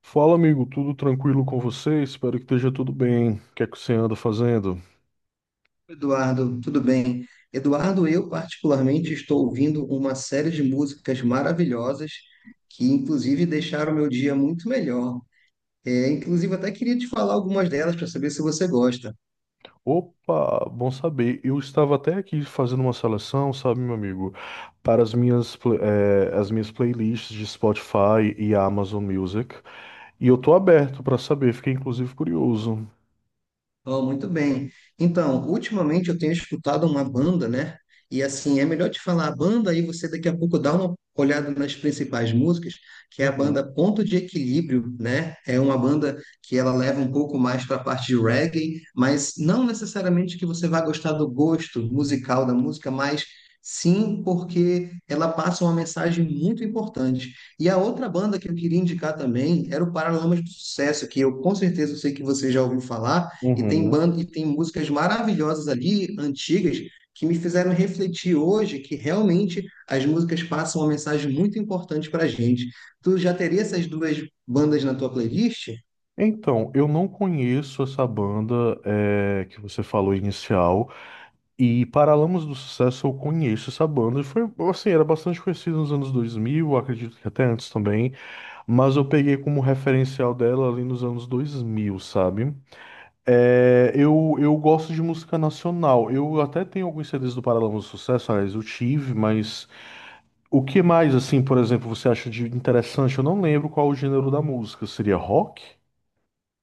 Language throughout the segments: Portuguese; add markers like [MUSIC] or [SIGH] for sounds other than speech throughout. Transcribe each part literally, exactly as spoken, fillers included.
Fala, amigo, tudo tranquilo com você? Espero que esteja tudo bem. O que é que você anda fazendo? Eduardo, tudo bem? Eduardo, eu particularmente estou ouvindo uma série de músicas maravilhosas que, inclusive, deixaram meu dia muito melhor. É, inclusive, até queria te falar algumas delas para saber se você gosta. Opa, bom saber. Eu estava até aqui fazendo uma seleção, sabe, meu amigo, para as minhas, pla- eh, as minhas playlists de Spotify e Amazon Music. E eu tô aberto para saber, fiquei inclusive curioso. Oh, muito bem. Então, ultimamente eu tenho escutado uma banda, né? E assim, é melhor te falar a banda aí você daqui a pouco dá uma olhada nas principais músicas, que é a banda Uhum, Ponto de Equilíbrio, né? É uma banda que ela leva um pouco mais para a parte de reggae, mas não necessariamente que você vá gostar do gosto musical da música, mas sim porque ela passa uma mensagem muito importante. E a outra banda que eu queria indicar também era o Paralamas do Sucesso, que eu com certeza sei que você já ouviu falar e tem uhum. banda, e tem músicas maravilhosas ali, antigas, que me fizeram refletir hoje que realmente as músicas passam uma mensagem muito importante para a gente. Tu já teria essas duas bandas na tua playlist? Então, eu não conheço essa banda, eh, que você falou inicial. E Paralamas do Sucesso eu conheço essa banda, e foi, assim, era bastante conhecida nos anos dois mil, acredito que até antes também, mas eu peguei como referencial dela ali nos anos dois mil, sabe? É, eu, eu gosto de música nacional, eu até tenho alguns C Ds do Paralamas do Sucesso, aliás, eu tive, mas o que mais, assim, por exemplo, você acha de interessante? Eu não lembro qual o gênero da música, seria rock?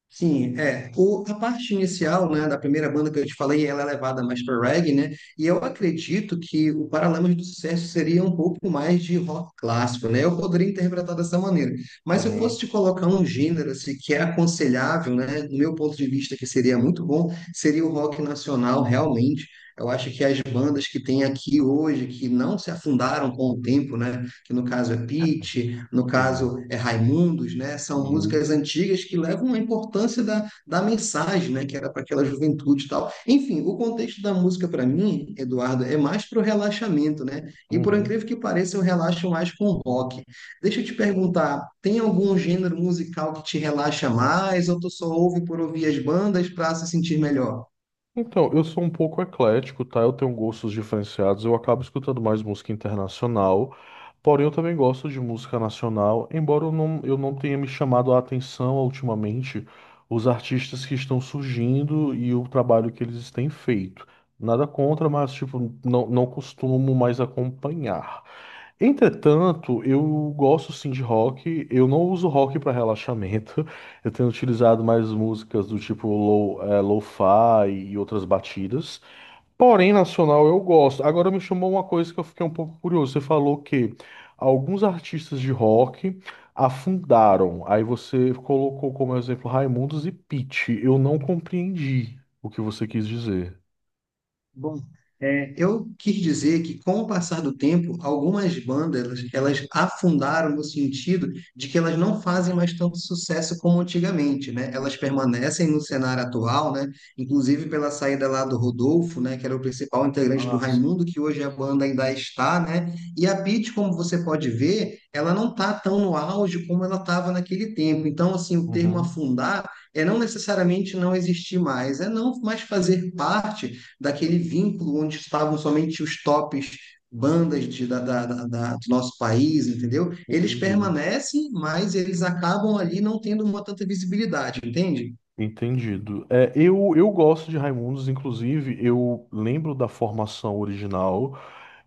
Sim, é. O, a parte inicial, né, da primeira banda que eu te falei, ela é levada mais para reggae, né? E eu acredito que o Paralamas do Sucesso seria um pouco mais de rock clássico, né? Eu poderia interpretar dessa maneira. Mas se eu fosse Uhum, te colocar um gênero assim, que é aconselhável, né, do meu ponto de vista, que seria muito bom, seria o rock nacional, realmente. Eu acho que as bandas que tem aqui hoje, que não se afundaram com o tempo, né? Que no caso é Pitty, no caso sim. é Raimundos, né? São músicas Uhum, antigas que levam a importância da, da mensagem, né? Que era para aquela juventude e tal. Enfim, o contexto da música para mim, Eduardo, é mais para o relaxamento, né? E por incrível uhum. que pareça, eu relaxo mais com rock. Deixa eu te perguntar, tem algum gênero musical que te relaxa mais ou tu só ouve por ouvir as bandas para se sentir melhor? Então, eu sou um pouco eclético, tá? Eu tenho gostos diferenciados, eu acabo escutando mais música internacional, porém eu também gosto de música nacional, embora eu não, eu não tenha me chamado a atenção ultimamente os artistas que estão surgindo e o trabalho que eles têm feito. Nada contra, mas tipo, não, não costumo mais acompanhar. Entretanto, eu gosto sim de rock. Eu não uso rock para relaxamento. [LAUGHS] Eu tenho utilizado mais músicas do tipo low, eh, lo-fi e outras batidas. Porém, nacional eu gosto. Agora me chamou uma coisa que eu fiquei um pouco curioso. Você falou que alguns artistas de rock afundaram. Aí você colocou como exemplo Raimundos e Pitty. Eu não compreendi o que você quis dizer. Bom, é, eu quis dizer que com o passar do tempo, algumas bandas elas, elas afundaram no sentido de que elas não fazem mais tanto sucesso como antigamente, né? Elas permanecem no cenário atual, né? Inclusive pela saída lá do Rodolfo, né? Que era o principal integrante do Ah, sim. Raimundo, que hoje a banda ainda está, né? E a Pitty, como você pode ver, ela não está tão no auge como ela estava naquele tempo. Então, assim, o termo Uhum. afundar é não necessariamente não existir mais, é não mais fazer parte daquele vínculo onde estavam somente os tops bandas de, da, da, da, da- do nosso país, entendeu? Eles Entendi. permanecem, mas eles acabam ali não tendo uma tanta visibilidade, entende? Entendido. É, eu, eu gosto de Raimundos, inclusive, eu lembro da formação original.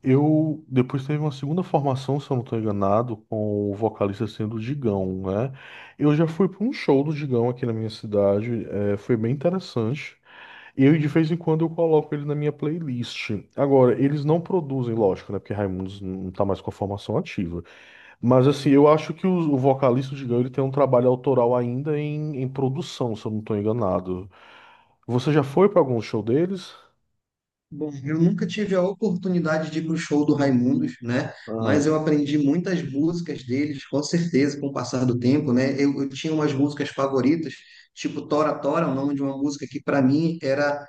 Eu depois teve uma segunda formação, se eu não estou enganado, com o vocalista sendo o Digão, né? Eu já fui para um show do Digão aqui na minha cidade, é, foi bem interessante. Eu, de vez em quando, eu coloco ele na minha playlist. Agora, eles não produzem, lógico, né? Porque Raimundos não tá mais com a formação ativa. Mas, assim, eu acho que o, o vocalista, do Digão, ele tem um trabalho autoral ainda em, em produção, se eu não estou enganado. Você já foi para algum show deles? Bom, eu nunca tive a oportunidade de ir para o show do Raimundos, né? Mas eu Aham, aprendi muitas músicas deles, com certeza, com o passar do tempo, né? Eu, eu tinha umas músicas favoritas, tipo Tora Tora, o nome de uma música que para mim era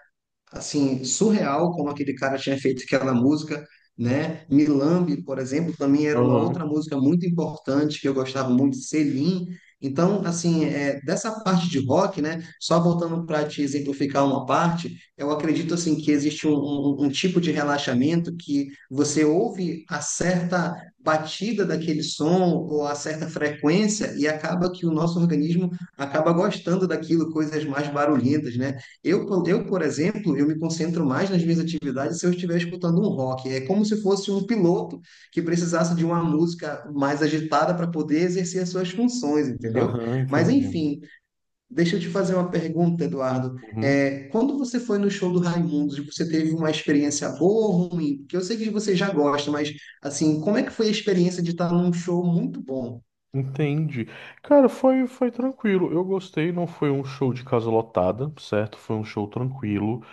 assim, surreal como aquele cara tinha feito aquela música, né? Milambe, por exemplo, também era uma aham, outra música muito importante que eu gostava muito, Selim. Então, assim, é, dessa parte de rock, né? Só voltando para te exemplificar uma parte, eu acredito assim que existe um, um- um um tipo de relaxamento que você ouve a certa batida daquele som ou a certa frequência e acaba que o nosso organismo acaba gostando daquilo, coisas mais barulhentas, né? Eu, por- eu, por exemplo, eu me concentro mais nas minhas atividades se eu estiver escutando um rock. É como se fosse um piloto que precisasse de uma música mais agitada para poder exercer as suas funções, entendeu? aham, Mas, entendi. enfim, deixa eu te fazer uma pergunta, Eduardo. Uhum, É, quando você foi no show do Raimundos, você teve uma experiência boa ou ruim? Porque eu sei que você já gosta, mas, assim, como é que foi a experiência de estar num show muito bom? entendi. Cara, foi, foi tranquilo. Eu gostei, não foi um show de casa lotada, certo? Foi um show tranquilo.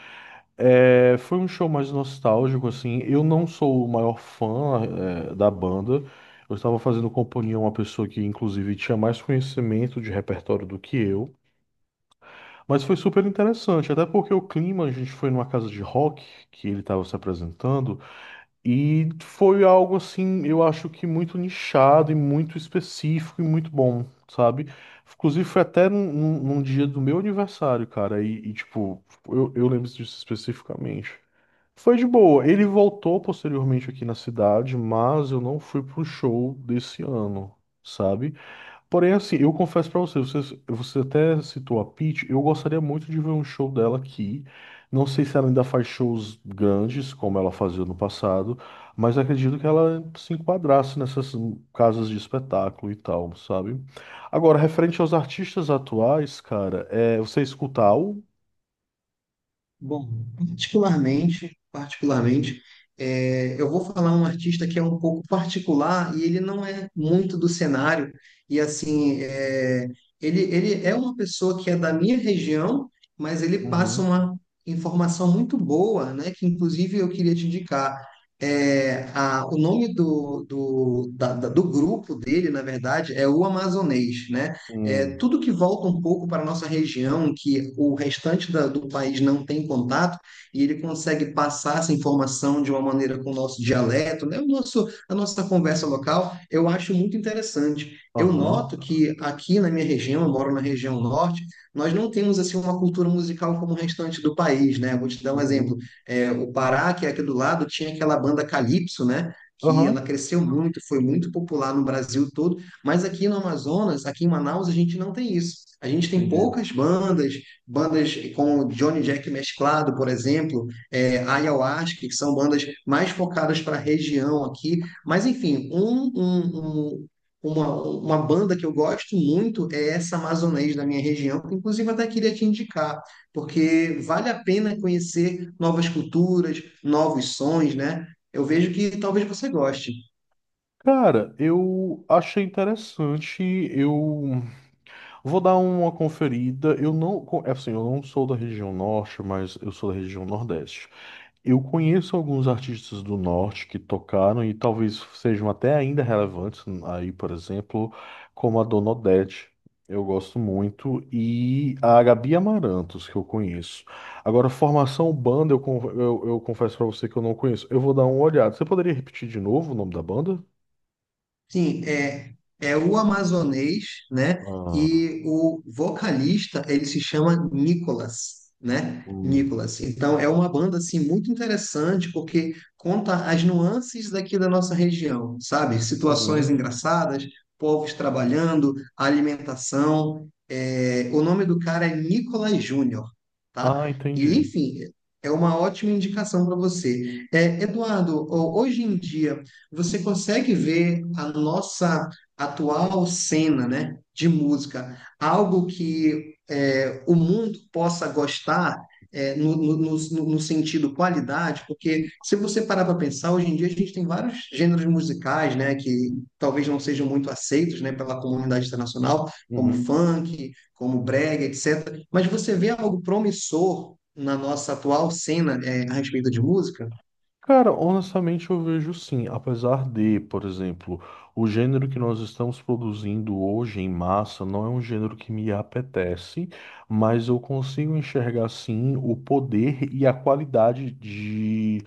É, foi um show mais nostálgico, assim. Eu não sou o maior fã, é, da banda. Eu estava fazendo companhia a uma pessoa que, inclusive, tinha mais conhecimento de repertório do que eu. Mas foi super interessante, até porque o clima, a gente foi numa casa de rock que ele estava se apresentando. E foi algo assim, eu acho que muito nichado e muito específico e muito bom, sabe? Inclusive foi até num, num- num dia do meu aniversário, cara, e, e, tipo, eu, eu lembro disso especificamente. Foi de boa. Ele voltou posteriormente aqui na cidade, mas eu não fui pro show desse ano, sabe? Porém, assim, eu confesso pra você, você, você até citou a Peach, eu gostaria muito de ver um show dela aqui. Não sei se ela ainda faz shows grandes, como ela fazia no passado, mas acredito que ela se enquadrasse nessas casas de espetáculo e tal, sabe? Agora, referente aos artistas atuais, cara, é, você escuta algo? Bom, particularmente, particularmente, é, eu vou falar um artista que é um pouco particular e ele não é muito do cenário. E assim, é, ele, ele é uma pessoa que é da minha região, mas ele passa Uhum. uma informação muito boa, né? Que inclusive eu queria te indicar. É, a- o nome do, do, da- da- do grupo dele, na verdade, é o Amazonês, né? É, Hum, Tudo que volta um pouco para a nossa região, que o restante da- do país não tem contato, e ele consegue passar essa informação de uma maneira com o nosso dialeto, né? O nosso, a nossa conversa local, eu acho muito interessante. Eu aham, noto que aqui na minha região, eu moro na região norte, nós não temos assim uma cultura musical como o restante do país, né? Vou te dar um exemplo. uhum, É, o Pará, que é aqui do lado, tinha aquela banda Calypso, né? Que ela aham, cresceu muito, foi muito popular no Brasil todo, mas aqui no Amazonas, aqui em Manaus, a gente não tem isso. A gente tem entendi. poucas bandas, bandas como Johnny Jack mesclado, por exemplo, é, Ayahuasca, que são bandas mais focadas para a região aqui. Mas, enfim, um, um, um- uma, uma banda que eu gosto muito é essa amazonês da minha região, que inclusive até queria te indicar, porque vale a pena conhecer novas culturas, novos sons, né? Eu vejo que talvez você goste. Cara, eu achei interessante, eu vou dar uma conferida. Eu não, co- é assim, eu não sou da região norte, mas eu sou da região nordeste. Eu conheço alguns artistas do norte que tocaram e talvez sejam até ainda relevantes aí, por exemplo, como a Dona Odete. Eu gosto muito e a Gabi Amarantos que eu conheço. Agora, formação banda, eu, con- eu, eu confesso pra você que eu não conheço. Eu vou dar uma olhada. Você poderia repetir de novo o nome da banda? Sim, é, é o amazonês, né? Ah, E o vocalista, ele se chama Nicolas, né? hum. Nicolas. Então, é uma banda, assim, muito interessante, porque conta as nuances daqui da nossa região, sabe? Situações Uhum. engraçadas, povos trabalhando, alimentação. É, o nome do cara é Nicolas Júnior, tá? Ah, E, entendi. enfim, é uma ótima indicação para você. É, Eduardo, ho- hoje em dia, você consegue ver a nossa atual cena, né, de música, algo que é, o mundo possa gostar é, no, no, no- no sentido qualidade, porque se você parar para pensar, hoje em dia a gente tem vários gêneros musicais, né, que talvez não sejam muito aceitos, né, pela comunidade internacional, como Uhum. funk, como brega, etcétera. Mas você vê algo promissor na nossa atual cena, é, a respeito de música? Cara, honestamente eu vejo sim, apesar de, por exemplo, o gênero que nós estamos produzindo hoje em massa não é um gênero que me apetece, mas eu consigo enxergar sim o poder e a qualidade de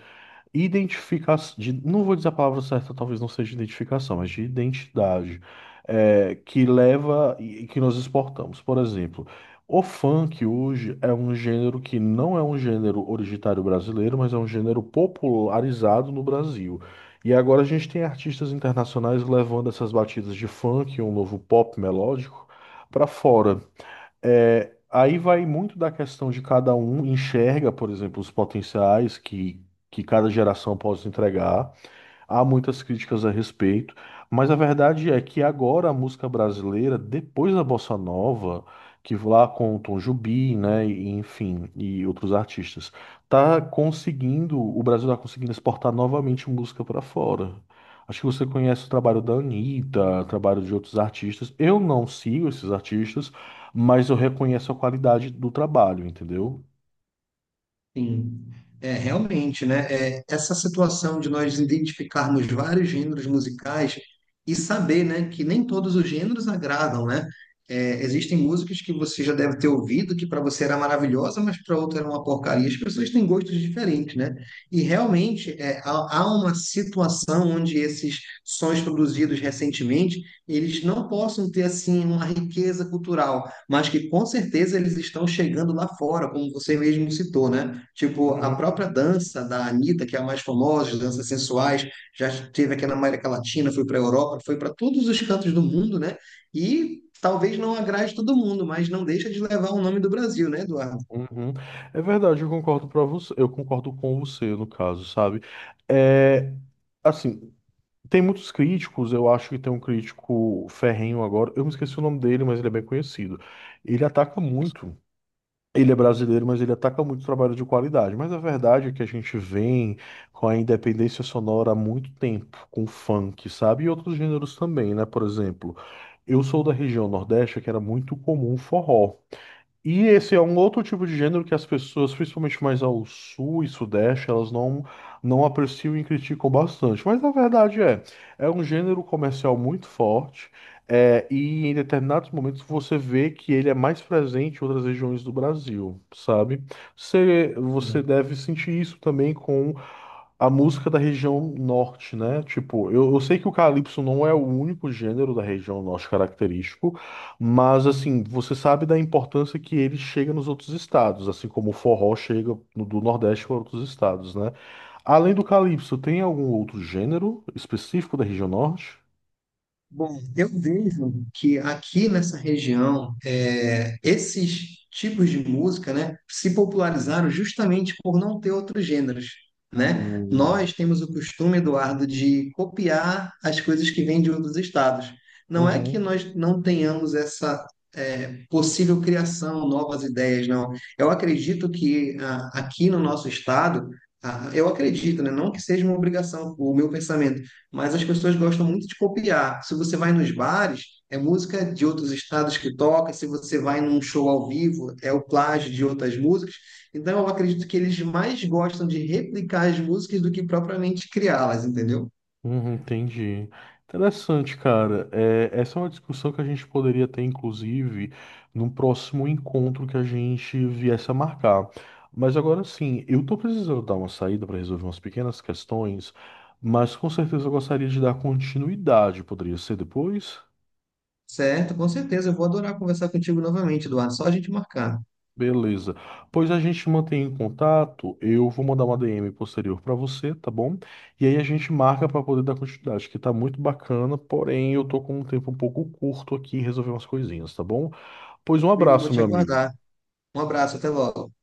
identificação, não vou dizer a palavra certa, talvez não seja identificação, mas de identidade, é, que leva e e que nós exportamos. Por exemplo, o funk hoje é um gênero que não é um gênero originário brasileiro, mas é um gênero popularizado no Brasil. E agora a gente tem artistas internacionais levando essas batidas de funk, um novo pop melódico, para fora. É, aí vai muito da questão de cada um enxerga, por exemplo, os potenciais que, que cada geração pode entregar. Há muitas críticas a respeito, mas a verdade é que agora a música brasileira, depois da Bossa Nova, que lá com o Tom Jobim, né, e, enfim, e outros artistas, tá conseguindo, o Brasil tá conseguindo exportar novamente música para fora. Acho que você conhece o trabalho da Anitta, o trabalho de outros artistas. Eu não sigo esses artistas, mas eu reconheço a qualidade do trabalho, entendeu? Sim, é realmente, né? É, essa situação de nós identificarmos vários gêneros musicais e saber, né, que nem todos os gêneros agradam, né? É, existem músicas que você já deve ter ouvido que para você era maravilhosa, mas para outra era uma porcaria. As pessoas têm gostos diferentes, né? E realmente é, há, há uma situação onde esses sons produzidos recentemente eles não possam ter assim uma riqueza cultural, mas que com certeza eles estão chegando lá fora, como você mesmo citou, né? Tipo, a Uhum. própria dança da Anitta, que é a mais famosa, as danças sensuais, já esteve aqui na América Latina, foi para a Europa, foi para todos os cantos do mundo, né? E talvez não agrade todo mundo, mas não deixa de levar o nome do Brasil, né, Eduardo? Uhum. É verdade, eu concordo para você, eu concordo com você no caso, sabe? É, assim, tem muitos críticos, eu acho que tem um crítico ferrenho agora, eu me esqueci o nome dele, mas ele é bem conhecido. Ele ataca muito. Ele é brasileiro, mas ele ataca muito o trabalho de qualidade. Mas a verdade é que a gente vem com a independência sonora há muito tempo, com funk, sabe? E outros gêneros também, né? Por exemplo, eu sou da região Nordeste, que era muito comum forró. E esse é um outro tipo de gênero que as pessoas, principalmente mais ao sul e sudeste, elas não, não apreciam e criticam bastante. Mas a verdade é, é um gênero comercial muito forte, é, e em determinados momentos você vê que ele é mais presente em outras regiões do Brasil, sabe? Você, você deve sentir isso também com a música da região norte, né? Tipo, eu, eu sei que o calypso não é o único gênero da região norte característico, mas assim, você sabe da importância que ele chega nos outros estados, assim como o forró chega no- do Nordeste para outros estados, né? Além do calypso, tem algum outro gênero específico da região Norte? Bom, eu vejo que aqui nessa região, é, esses tipos de música, né, se popularizaram justamente por não ter outros gêneros, né? Hum, Nós temos o costume, Eduardo, de copiar as coisas que vêm de outros estados. Não é que uhum. nós não tenhamos essa, é, possível criação, novas ideias, não. Eu acredito que ah, aqui no nosso estado, ah, eu acredito, né, não que seja uma obrigação, o meu pensamento, mas as pessoas gostam muito de copiar. Se você vai nos bares, é música de outros estados que toca, se você vai num show ao vivo, é o plágio de outras músicas. Então, eu acredito que eles mais gostam de replicar as músicas do que propriamente criá-las, entendeu? Uhum, entendi. Interessante, cara. É, essa é uma discussão que a gente poderia ter, inclusive, num próximo encontro que a gente viesse a marcar. Mas agora sim, eu tô precisando dar uma saída para resolver umas pequenas questões, mas com certeza eu gostaria de dar continuidade. Poderia ser depois? Certo, com certeza. Eu vou adorar conversar contigo novamente, Eduardo. Só a gente marcar. Beleza. Pois a gente mantém em contato. Eu vou mandar uma D M posterior para você, tá bom? E aí a gente marca para poder dar continuidade, que tá muito bacana, porém eu tô com um tempo um pouco curto aqui em resolver umas coisinhas, tá bom? Pois um Will, eu vou abraço, te meu amigo. aguardar. Um abraço, até logo.